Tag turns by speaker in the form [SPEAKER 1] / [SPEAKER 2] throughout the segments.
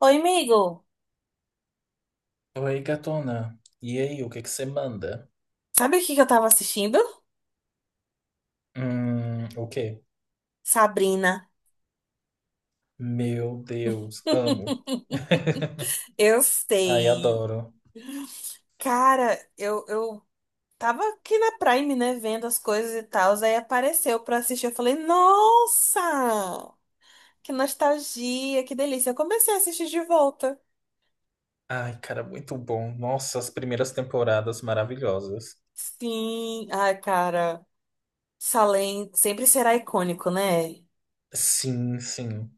[SPEAKER 1] Oi, amigo.
[SPEAKER 2] Oi, gatona. E aí, o que que você manda?
[SPEAKER 1] Sabe o que que eu tava assistindo?
[SPEAKER 2] O quê?
[SPEAKER 1] Sabrina.
[SPEAKER 2] Meu Deus, amo.
[SPEAKER 1] Eu
[SPEAKER 2] Ai,
[SPEAKER 1] sei.
[SPEAKER 2] adoro.
[SPEAKER 1] Cara, eu tava aqui na Prime, né, vendo as coisas e tal, aí apareceu pra assistir. Eu falei, nossa, que nostalgia, que delícia. Eu comecei a assistir de volta.
[SPEAKER 2] Ai, cara, muito bom. Nossa, as primeiras temporadas maravilhosas.
[SPEAKER 1] Sim, ai, cara, Salem sempre será icônico, né?
[SPEAKER 2] Sim, sim.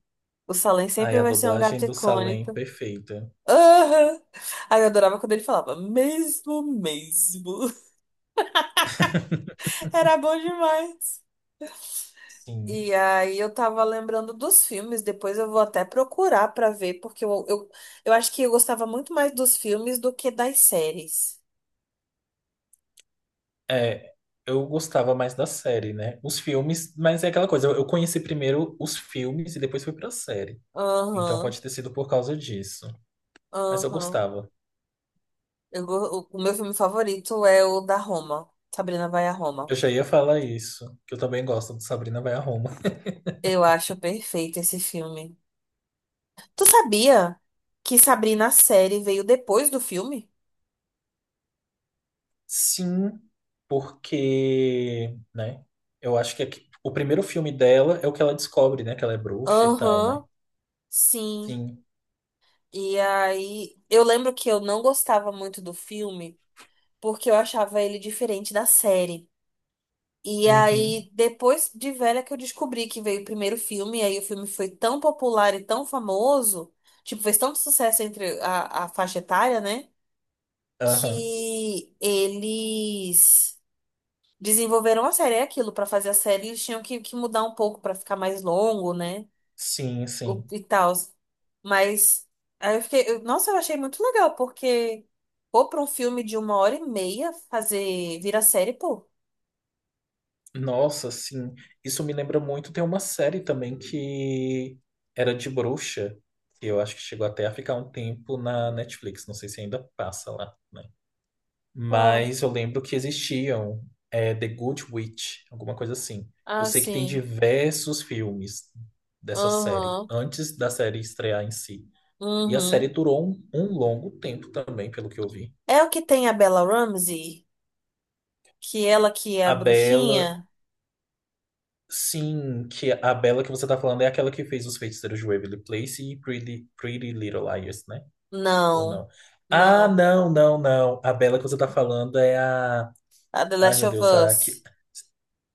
[SPEAKER 1] O Salem
[SPEAKER 2] Ai,
[SPEAKER 1] sempre
[SPEAKER 2] a
[SPEAKER 1] vai ser um
[SPEAKER 2] dublagem
[SPEAKER 1] gato
[SPEAKER 2] do Salem,
[SPEAKER 1] icônico.
[SPEAKER 2] perfeita.
[SPEAKER 1] Aham. Aí eu adorava quando ele falava, mesmo, mesmo. Era bom demais.
[SPEAKER 2] Sim.
[SPEAKER 1] E aí eu tava lembrando dos filmes, depois eu vou até procurar pra ver, porque eu acho que eu gostava muito mais dos filmes do que das séries.
[SPEAKER 2] É, eu gostava mais da série, né? Os filmes, mas é aquela coisa, eu conheci primeiro os filmes e depois fui pra série. Então
[SPEAKER 1] Aham,
[SPEAKER 2] pode ter sido por causa disso. Mas eu
[SPEAKER 1] aham.
[SPEAKER 2] gostava.
[SPEAKER 1] O meu filme favorito é o da Roma, Sabrina vai a Roma.
[SPEAKER 2] Eu já ia falar isso, que eu também gosto do Sabrina Vai a Roma.
[SPEAKER 1] Eu acho perfeito esse filme. Tu sabia que Sabrina a série veio depois do filme?
[SPEAKER 2] Sim, porque, né? Eu acho que o primeiro filme dela é o que ela descobre, né? Que ela é bruxa e tal, né?
[SPEAKER 1] Aham, sim.
[SPEAKER 2] Sim.
[SPEAKER 1] E aí eu lembro que eu não gostava muito do filme porque eu achava ele diferente da série. E
[SPEAKER 2] Uhum.
[SPEAKER 1] aí, depois de velha que eu descobri que veio o primeiro filme, e aí o filme foi tão popular e tão famoso, tipo, fez tanto sucesso entre a faixa etária, né?
[SPEAKER 2] Aham.
[SPEAKER 1] Que eles desenvolveram a série, é aquilo, pra fazer a série, eles tinham que mudar um pouco pra ficar mais longo, né?
[SPEAKER 2] Sim,
[SPEAKER 1] O,
[SPEAKER 2] sim.
[SPEAKER 1] e tal. Mas aí eu fiquei, nossa, eu achei muito legal, porque pô, pra um filme de uma hora e meia fazer, virar série, pô.
[SPEAKER 2] Nossa, sim. Isso me lembra muito. Tem uma série também que era de bruxa, que eu acho que chegou até a ficar um tempo na Netflix. Não sei se ainda passa lá, né?
[SPEAKER 1] Uau.
[SPEAKER 2] Mas eu lembro que existiam é, The Good Witch, alguma coisa assim. Eu sei que tem
[SPEAKER 1] Assim.
[SPEAKER 2] diversos filmes dessa série,
[SPEAKER 1] Aham.
[SPEAKER 2] antes da série estrear em si. E a série
[SPEAKER 1] Uhum.
[SPEAKER 2] durou um longo tempo também, pelo que eu vi.
[SPEAKER 1] É o que tem a Bella Ramsey? Que ela que é a
[SPEAKER 2] A Bella,
[SPEAKER 1] bruxinha?
[SPEAKER 2] sim, que a Bella que você tá falando é aquela que fez Os Feiticeiros de Waverly Place e Pretty, Pretty Little Liars, né? Ou
[SPEAKER 1] Não,
[SPEAKER 2] não? Ah,
[SPEAKER 1] não.
[SPEAKER 2] não, não, não. A Bella que você tá falando é a.
[SPEAKER 1] A The
[SPEAKER 2] Ai,
[SPEAKER 1] Last
[SPEAKER 2] meu
[SPEAKER 1] of
[SPEAKER 2] Deus, a,
[SPEAKER 1] Us.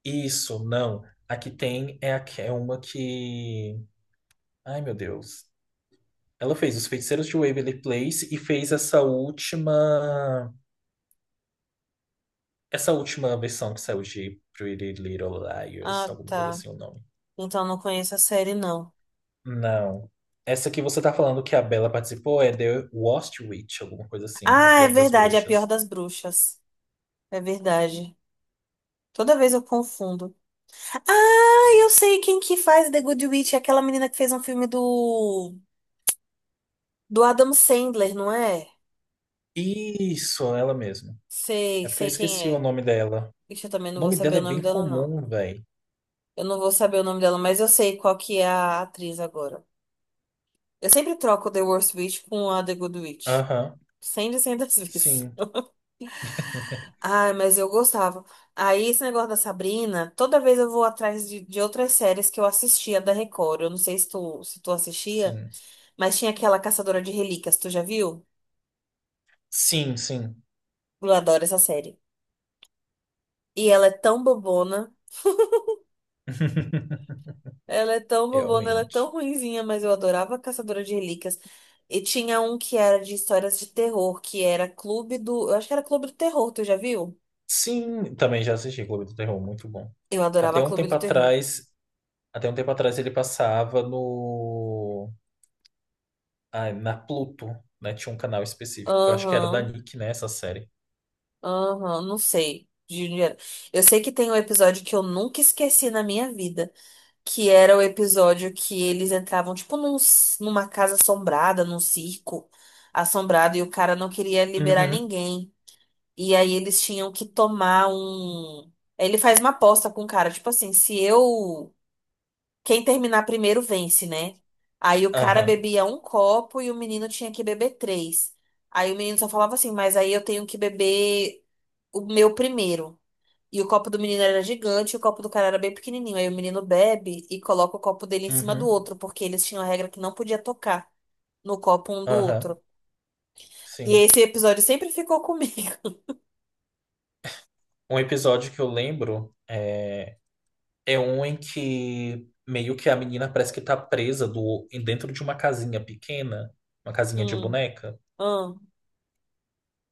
[SPEAKER 2] Isso, não. A que tem é, a, é uma que. Ai, meu Deus. Ela fez Os Feiticeiros de Waverly Place e fez essa última. Essa última versão que saiu de Pretty Little Liars,
[SPEAKER 1] Ah,
[SPEAKER 2] alguma coisa
[SPEAKER 1] tá.
[SPEAKER 2] assim o nome.
[SPEAKER 1] Então não conheço a série, não.
[SPEAKER 2] Não. Essa que você tá falando que a Bella participou é The Worst Witch, alguma coisa assim, a
[SPEAKER 1] Ah, é
[SPEAKER 2] pior das
[SPEAKER 1] verdade, é a pior
[SPEAKER 2] bruxas.
[SPEAKER 1] das bruxas. É verdade. Toda vez eu confundo. Ah, eu sei quem que faz The Good Witch, é aquela menina que fez um filme do Adam Sandler, não é?
[SPEAKER 2] Isso, ela mesma.
[SPEAKER 1] Sei,
[SPEAKER 2] É porque eu
[SPEAKER 1] sei quem
[SPEAKER 2] esqueci o
[SPEAKER 1] é.
[SPEAKER 2] nome dela.
[SPEAKER 1] Ixi, eu também
[SPEAKER 2] O
[SPEAKER 1] não vou
[SPEAKER 2] nome
[SPEAKER 1] saber
[SPEAKER 2] dela
[SPEAKER 1] o
[SPEAKER 2] é
[SPEAKER 1] nome
[SPEAKER 2] bem
[SPEAKER 1] dela, não.
[SPEAKER 2] comum, velho.
[SPEAKER 1] Eu não vou saber o nome dela, mas eu sei qual que é a atriz agora. Eu sempre troco The Worst Witch com a The Good Witch.
[SPEAKER 2] Aham,
[SPEAKER 1] Cem de cem das vezes.
[SPEAKER 2] sim,
[SPEAKER 1] Ai, mas eu gostava. Aí, esse negócio da Sabrina, toda vez eu vou atrás de outras séries que eu assistia da Record. Eu não sei se tu, se tu assistia,
[SPEAKER 2] sim.
[SPEAKER 1] mas tinha aquela Caçadora de Relíquias, tu já viu?
[SPEAKER 2] Sim, sim.
[SPEAKER 1] Eu adoro essa série. E ela é tão bobona, ela é tão bobona, ela é
[SPEAKER 2] Realmente.
[SPEAKER 1] tão ruinzinha, mas eu adorava a Caçadora de Relíquias. E tinha um que era de histórias de terror, que era Clube do. Eu acho que era Clube do Terror, tu já viu?
[SPEAKER 2] Sim, também já assisti Clube do Terror, muito bom.
[SPEAKER 1] Eu adorava
[SPEAKER 2] Até um
[SPEAKER 1] Clube
[SPEAKER 2] tempo
[SPEAKER 1] do Terror.
[SPEAKER 2] atrás, até um tempo atrás ele passava no, ai, na Pluto, né? Tinha um canal específico, eu acho que era da
[SPEAKER 1] Aham,
[SPEAKER 2] Nick, né, essa série.
[SPEAKER 1] aham, não sei. De Juliana. Eu sei que tem um episódio que eu nunca esqueci na minha vida, que era o episódio que eles entravam, tipo, numa casa assombrada, num circo assombrado, e o cara não queria liberar
[SPEAKER 2] Uhum,
[SPEAKER 1] ninguém. E aí eles tinham que tomar um. Aí ele faz uma aposta com o cara, tipo assim, se eu. Quem terminar primeiro vence, né? Aí o cara
[SPEAKER 2] aham,
[SPEAKER 1] bebia um copo e o menino tinha que beber três. Aí o menino só falava assim, mas aí eu tenho que beber. O meu primeiro. E o copo do menino era gigante, e o copo do cara era bem pequenininho. Aí o menino bebe e coloca o copo dele em cima do
[SPEAKER 2] uhum,
[SPEAKER 1] outro, porque eles tinham a regra que não podia tocar no copo um do
[SPEAKER 2] aham,
[SPEAKER 1] outro. E
[SPEAKER 2] sim.
[SPEAKER 1] esse episódio sempre ficou comigo.
[SPEAKER 2] Um episódio que eu lembro é, é um em que meio que a menina parece que tá presa do, dentro de uma casinha pequena, uma casinha de
[SPEAKER 1] Hum,
[SPEAKER 2] boneca.
[SPEAKER 1] hum,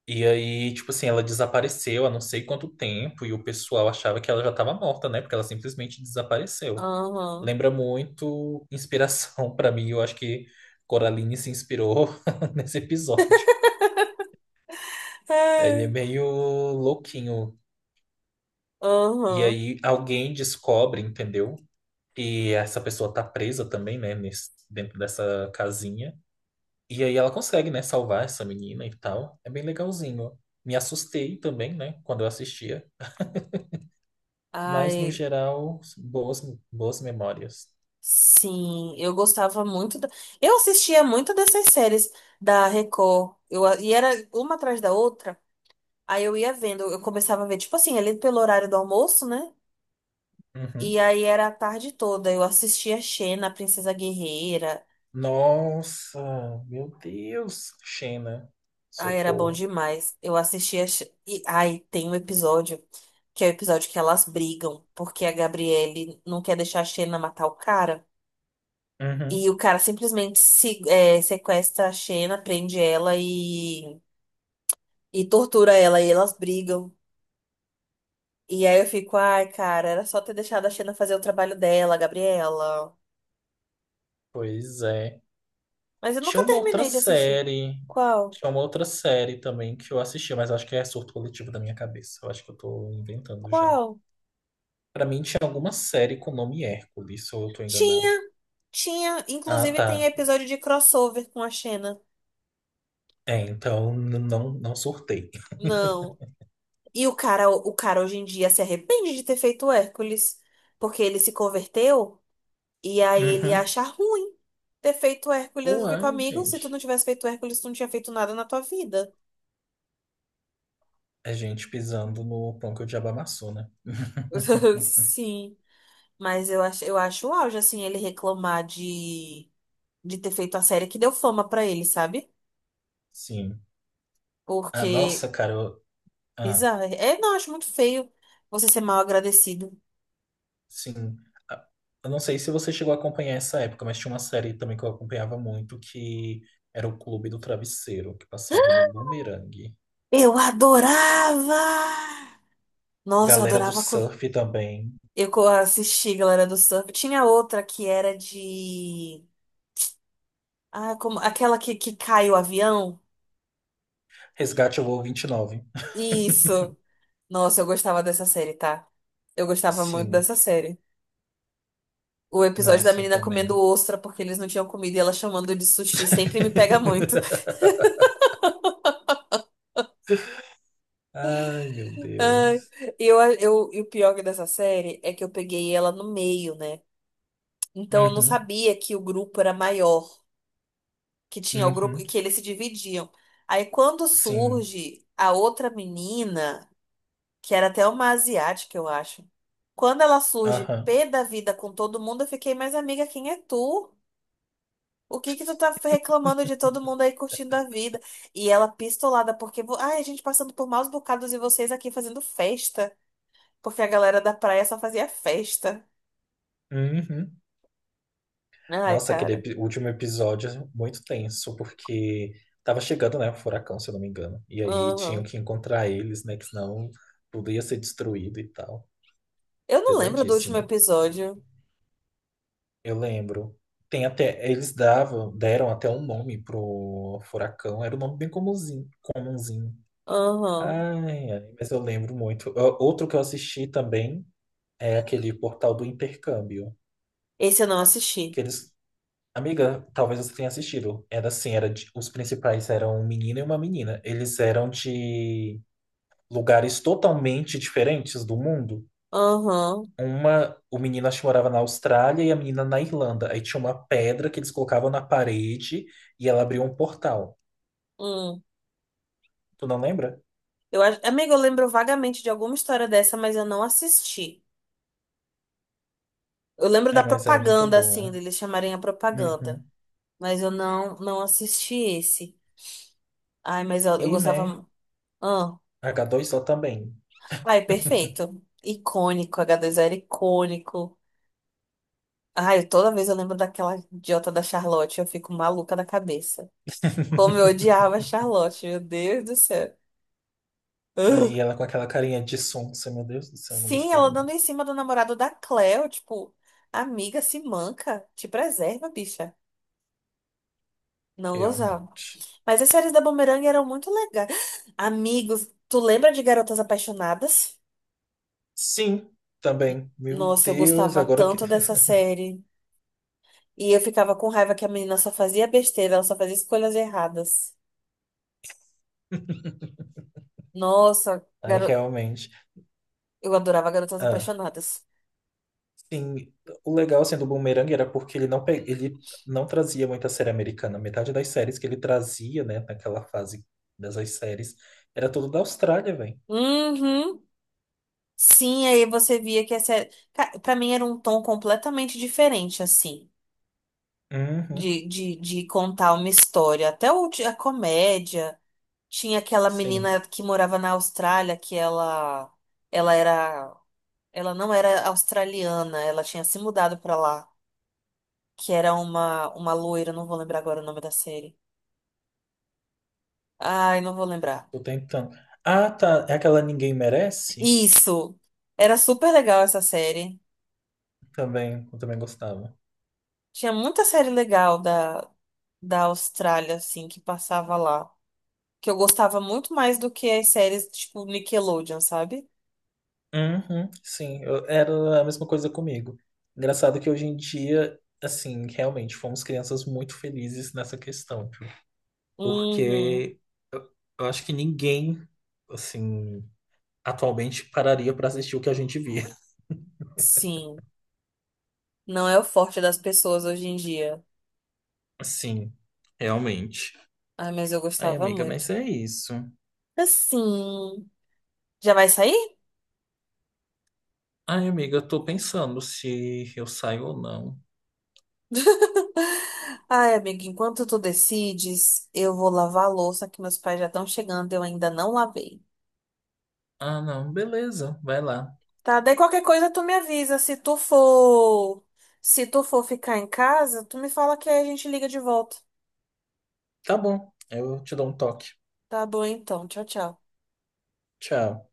[SPEAKER 2] E aí, tipo assim, ela desapareceu há não sei quanto tempo e o pessoal achava que ela já estava morta, né? Porque ela simplesmente desapareceu.
[SPEAKER 1] aham.
[SPEAKER 2] Lembra muito inspiração pra mim. Eu acho que Coraline se inspirou nesse episódio. Ele é
[SPEAKER 1] É,
[SPEAKER 2] meio louquinho. E
[SPEAKER 1] aham.
[SPEAKER 2] aí alguém descobre, entendeu? E essa pessoa tá presa também, né? Dentro dessa casinha. E aí ela consegue, né? Salvar essa menina e tal. É bem legalzinho. Me assustei também, né? Quando eu assistia. Mas, no
[SPEAKER 1] Ai,
[SPEAKER 2] geral, boas, boas memórias.
[SPEAKER 1] sim, eu gostava muito da... Eu assistia muito dessas séries da Record. E era uma atrás da outra. Aí eu ia vendo, eu começava a ver, tipo assim, ali pelo horário do almoço, né?
[SPEAKER 2] Uhum.
[SPEAKER 1] E aí era a tarde toda. Eu assistia Xena, a Princesa Guerreira.
[SPEAKER 2] Nossa, meu Deus, Xena,
[SPEAKER 1] Ai, era bom
[SPEAKER 2] socorro.
[SPEAKER 1] demais. Eu assistia. E, ai, tem um episódio que é o episódio que elas brigam, porque a Gabriele não quer deixar a Xena matar o cara.
[SPEAKER 2] Uhum.
[SPEAKER 1] E o cara simplesmente se, é, sequestra a Xena, prende ela e tortura ela. E elas brigam. E aí eu fico, ai, cara, era só ter deixado a Xena fazer o trabalho dela, Gabriela.
[SPEAKER 2] Pois é.
[SPEAKER 1] Mas eu
[SPEAKER 2] Tinha
[SPEAKER 1] nunca
[SPEAKER 2] uma outra
[SPEAKER 1] terminei de assistir.
[SPEAKER 2] série.
[SPEAKER 1] Qual?
[SPEAKER 2] Tinha uma outra série também que eu assisti, mas acho que é surto coletivo da minha cabeça. Eu acho que eu tô inventando já.
[SPEAKER 1] Qual?
[SPEAKER 2] Pra mim tinha alguma série com o nome Hércules, ou eu tô enganado.
[SPEAKER 1] Tinha. Tinha,
[SPEAKER 2] Ah,
[SPEAKER 1] inclusive tem
[SPEAKER 2] tá.
[SPEAKER 1] episódio de crossover com a Xena.
[SPEAKER 2] É, então não, não surtei.
[SPEAKER 1] Não. E o cara hoje em dia se arrepende de ter feito o Hércules, porque ele se converteu e aí ele
[SPEAKER 2] Uhum.
[SPEAKER 1] acha ruim ter feito o Hércules. Eu fico,
[SPEAKER 2] Uai,
[SPEAKER 1] amigo, se tu
[SPEAKER 2] gente.
[SPEAKER 1] não tivesse feito o Hércules, tu não tinha feito nada na tua vida.
[SPEAKER 2] É gente pisando no pão que o diabo amassou, né?
[SPEAKER 1] Sim, mas eu acho o auge, assim, ele reclamar de ter feito a série que deu fama pra ele, sabe?
[SPEAKER 2] Sim. Ah,
[SPEAKER 1] Porque,
[SPEAKER 2] nossa, cara. Ah,
[SPEAKER 1] bizarro. É, não, eu acho muito feio você ser mal agradecido.
[SPEAKER 2] sim. Ah, Eu não sei se você chegou a acompanhar essa época, mas tinha uma série também que eu acompanhava muito que era o Clube do Travesseiro, que passava no Boomerang.
[SPEAKER 1] Eu adorava! Nossa, eu
[SPEAKER 2] Galera do
[SPEAKER 1] adorava.
[SPEAKER 2] Surf também.
[SPEAKER 1] Assisti Galera do Surf. Tinha outra que era de. Ah, como... aquela que cai o avião?
[SPEAKER 2] Resgate ao Voo 29.
[SPEAKER 1] Isso! Nossa, eu gostava dessa série, tá? Eu gostava muito
[SPEAKER 2] Sim.
[SPEAKER 1] dessa série. O episódio da
[SPEAKER 2] Nossa,
[SPEAKER 1] menina comendo
[SPEAKER 2] também.
[SPEAKER 1] ostra porque eles não tinham comida e ela chamando de sushi sempre me pega muito.
[SPEAKER 2] Ai, meu
[SPEAKER 1] Ai,
[SPEAKER 2] Deus.
[SPEAKER 1] e o pior dessa série é que eu peguei ela no meio, né? Então eu não
[SPEAKER 2] Uhum,
[SPEAKER 1] sabia que o grupo era maior. Que tinha o grupo
[SPEAKER 2] uhum.
[SPEAKER 1] que eles se dividiam. Aí quando
[SPEAKER 2] Sim.
[SPEAKER 1] surge a outra menina, que era até uma asiática, eu acho. Quando ela surge
[SPEAKER 2] Aham.
[SPEAKER 1] pé da vida com todo mundo, eu fiquei, mas amiga, quem é tu? O que que tu tá reclamando de todo mundo aí curtindo a vida? E ela pistolada, porque, ai, a gente passando por maus bocados e vocês aqui fazendo festa, porque a galera da praia só fazia festa.
[SPEAKER 2] Uhum.
[SPEAKER 1] Ai,
[SPEAKER 2] Nossa, aquele
[SPEAKER 1] cara.
[SPEAKER 2] último episódio é muito tenso, porque tava chegando, né, o furacão, se eu não me engano. E aí tinham
[SPEAKER 1] Aham.
[SPEAKER 2] que encontrar eles, né, que senão tudo ia ser destruído e tal.
[SPEAKER 1] Eu não lembro do último
[SPEAKER 2] Pesadíssimo.
[SPEAKER 1] episódio.
[SPEAKER 2] Eu lembro. Tem até, eles davam, deram até um nome pro furacão, era um nome bem comumzinho, comumzinho.
[SPEAKER 1] Aham.
[SPEAKER 2] Ai, ai, mas eu lembro muito. Ó, outro que eu assisti também é aquele Portal do Intercâmbio,
[SPEAKER 1] Esse eu não
[SPEAKER 2] que
[SPEAKER 1] assisti.
[SPEAKER 2] eles Amiga, talvez você tenha assistido. Era assim, era de- os principais eram um menino e uma menina. Eles eram de lugares totalmente diferentes do mundo.
[SPEAKER 1] Aham.
[SPEAKER 2] Uma, o menino acho que morava na Austrália e a menina na Irlanda. Aí tinha uma pedra que eles colocavam na parede e ela abriu um portal.
[SPEAKER 1] Hum.
[SPEAKER 2] Tu não lembra?
[SPEAKER 1] Amiga, eu lembro vagamente de alguma história dessa, mas eu não assisti. Eu lembro da
[SPEAKER 2] É, mas era muito
[SPEAKER 1] propaganda,
[SPEAKER 2] bom.
[SPEAKER 1] assim, deles chamarem a propaganda.
[SPEAKER 2] Uhum.
[SPEAKER 1] Mas eu não, não assisti esse. Ai, mas eu
[SPEAKER 2] E, né,
[SPEAKER 1] gostava. Ah.
[SPEAKER 2] H2O também.
[SPEAKER 1] Ai, perfeito. Icônico, H2O era icônico. Ai, toda vez eu lembro daquela idiota da Charlotte, eu fico maluca da cabeça. Como eu odiava a Charlotte, meu Deus do céu. Ugh.
[SPEAKER 2] Aí ela com aquela carinha de sonsa, meu Deus do céu, eu não
[SPEAKER 1] Sim, ela
[SPEAKER 2] gostava não.
[SPEAKER 1] dando em cima do namorado da Cleo, tipo. Amiga, se manca. Te preserva, bicha. Não gozava.
[SPEAKER 2] Realmente.
[SPEAKER 1] Mas as séries da Boomerang eram muito legais. Amigos, tu lembra de Garotas Apaixonadas?
[SPEAKER 2] Sim, também. Meu
[SPEAKER 1] Nossa, eu
[SPEAKER 2] Deus,
[SPEAKER 1] gostava
[SPEAKER 2] agora que.
[SPEAKER 1] tanto dessa série. E eu ficava com raiva que a menina só fazia besteira, ela só fazia escolhas erradas. Nossa,
[SPEAKER 2] Ai,
[SPEAKER 1] garo...
[SPEAKER 2] realmente.
[SPEAKER 1] eu adorava Garotas
[SPEAKER 2] Ah,
[SPEAKER 1] Apaixonadas.
[SPEAKER 2] sim, o legal assim, do Boomerang era porque ele não, ele não trazia muita série americana. Metade das séries que ele trazia, né, naquela fase dessas séries, era tudo da Austrália, velho.
[SPEAKER 1] Uhum. Sim, aí você via que a série. Pra mim era um tom completamente diferente, assim,
[SPEAKER 2] Uhum,
[SPEAKER 1] de contar uma história. Até o, a comédia. Tinha aquela
[SPEAKER 2] sim,
[SPEAKER 1] menina que morava na Austrália, que ela era, ela não era australiana, ela tinha se mudado pra lá, que era uma loira, não vou lembrar agora o nome da série. Ai, não vou lembrar.
[SPEAKER 2] tô tentando. Ah, tá. É aquela Ninguém Merece?
[SPEAKER 1] Isso. Era super legal essa série.
[SPEAKER 2] Também, eu também gostava.
[SPEAKER 1] Tinha muita série legal da Austrália, assim, que passava lá. Que eu gostava muito mais do que as séries, tipo, Nickelodeon, sabe?
[SPEAKER 2] Uhum, sim, eu- era a mesma coisa comigo. Engraçado que hoje em dia, assim, realmente fomos crianças muito felizes nessa questão, tipo,
[SPEAKER 1] Uhum.
[SPEAKER 2] porque eu, eu acho que ninguém, assim, atualmente pararia pra assistir o que a gente via.
[SPEAKER 1] Sim. Não é o forte das pessoas hoje em dia.
[SPEAKER 2] Assim, realmente.
[SPEAKER 1] Ai, mas eu
[SPEAKER 2] Ai,
[SPEAKER 1] gostava
[SPEAKER 2] amiga, mas
[SPEAKER 1] muito.
[SPEAKER 2] é isso.
[SPEAKER 1] Assim, já vai sair?
[SPEAKER 2] Ai, amiga, eu tô pensando se eu saio ou não.
[SPEAKER 1] Ai, amiga, enquanto tu decides, eu vou lavar a louça que meus pais já estão chegando, eu ainda não lavei.
[SPEAKER 2] Ah, não, beleza, vai lá.
[SPEAKER 1] Tá, daí qualquer coisa tu me avisa, se tu for, se tu for ficar em casa, tu me fala que aí a gente liga de volta.
[SPEAKER 2] Tá bom, eu te dou um toque.
[SPEAKER 1] Tá bom então. Tchau, tchau.
[SPEAKER 2] Tchau.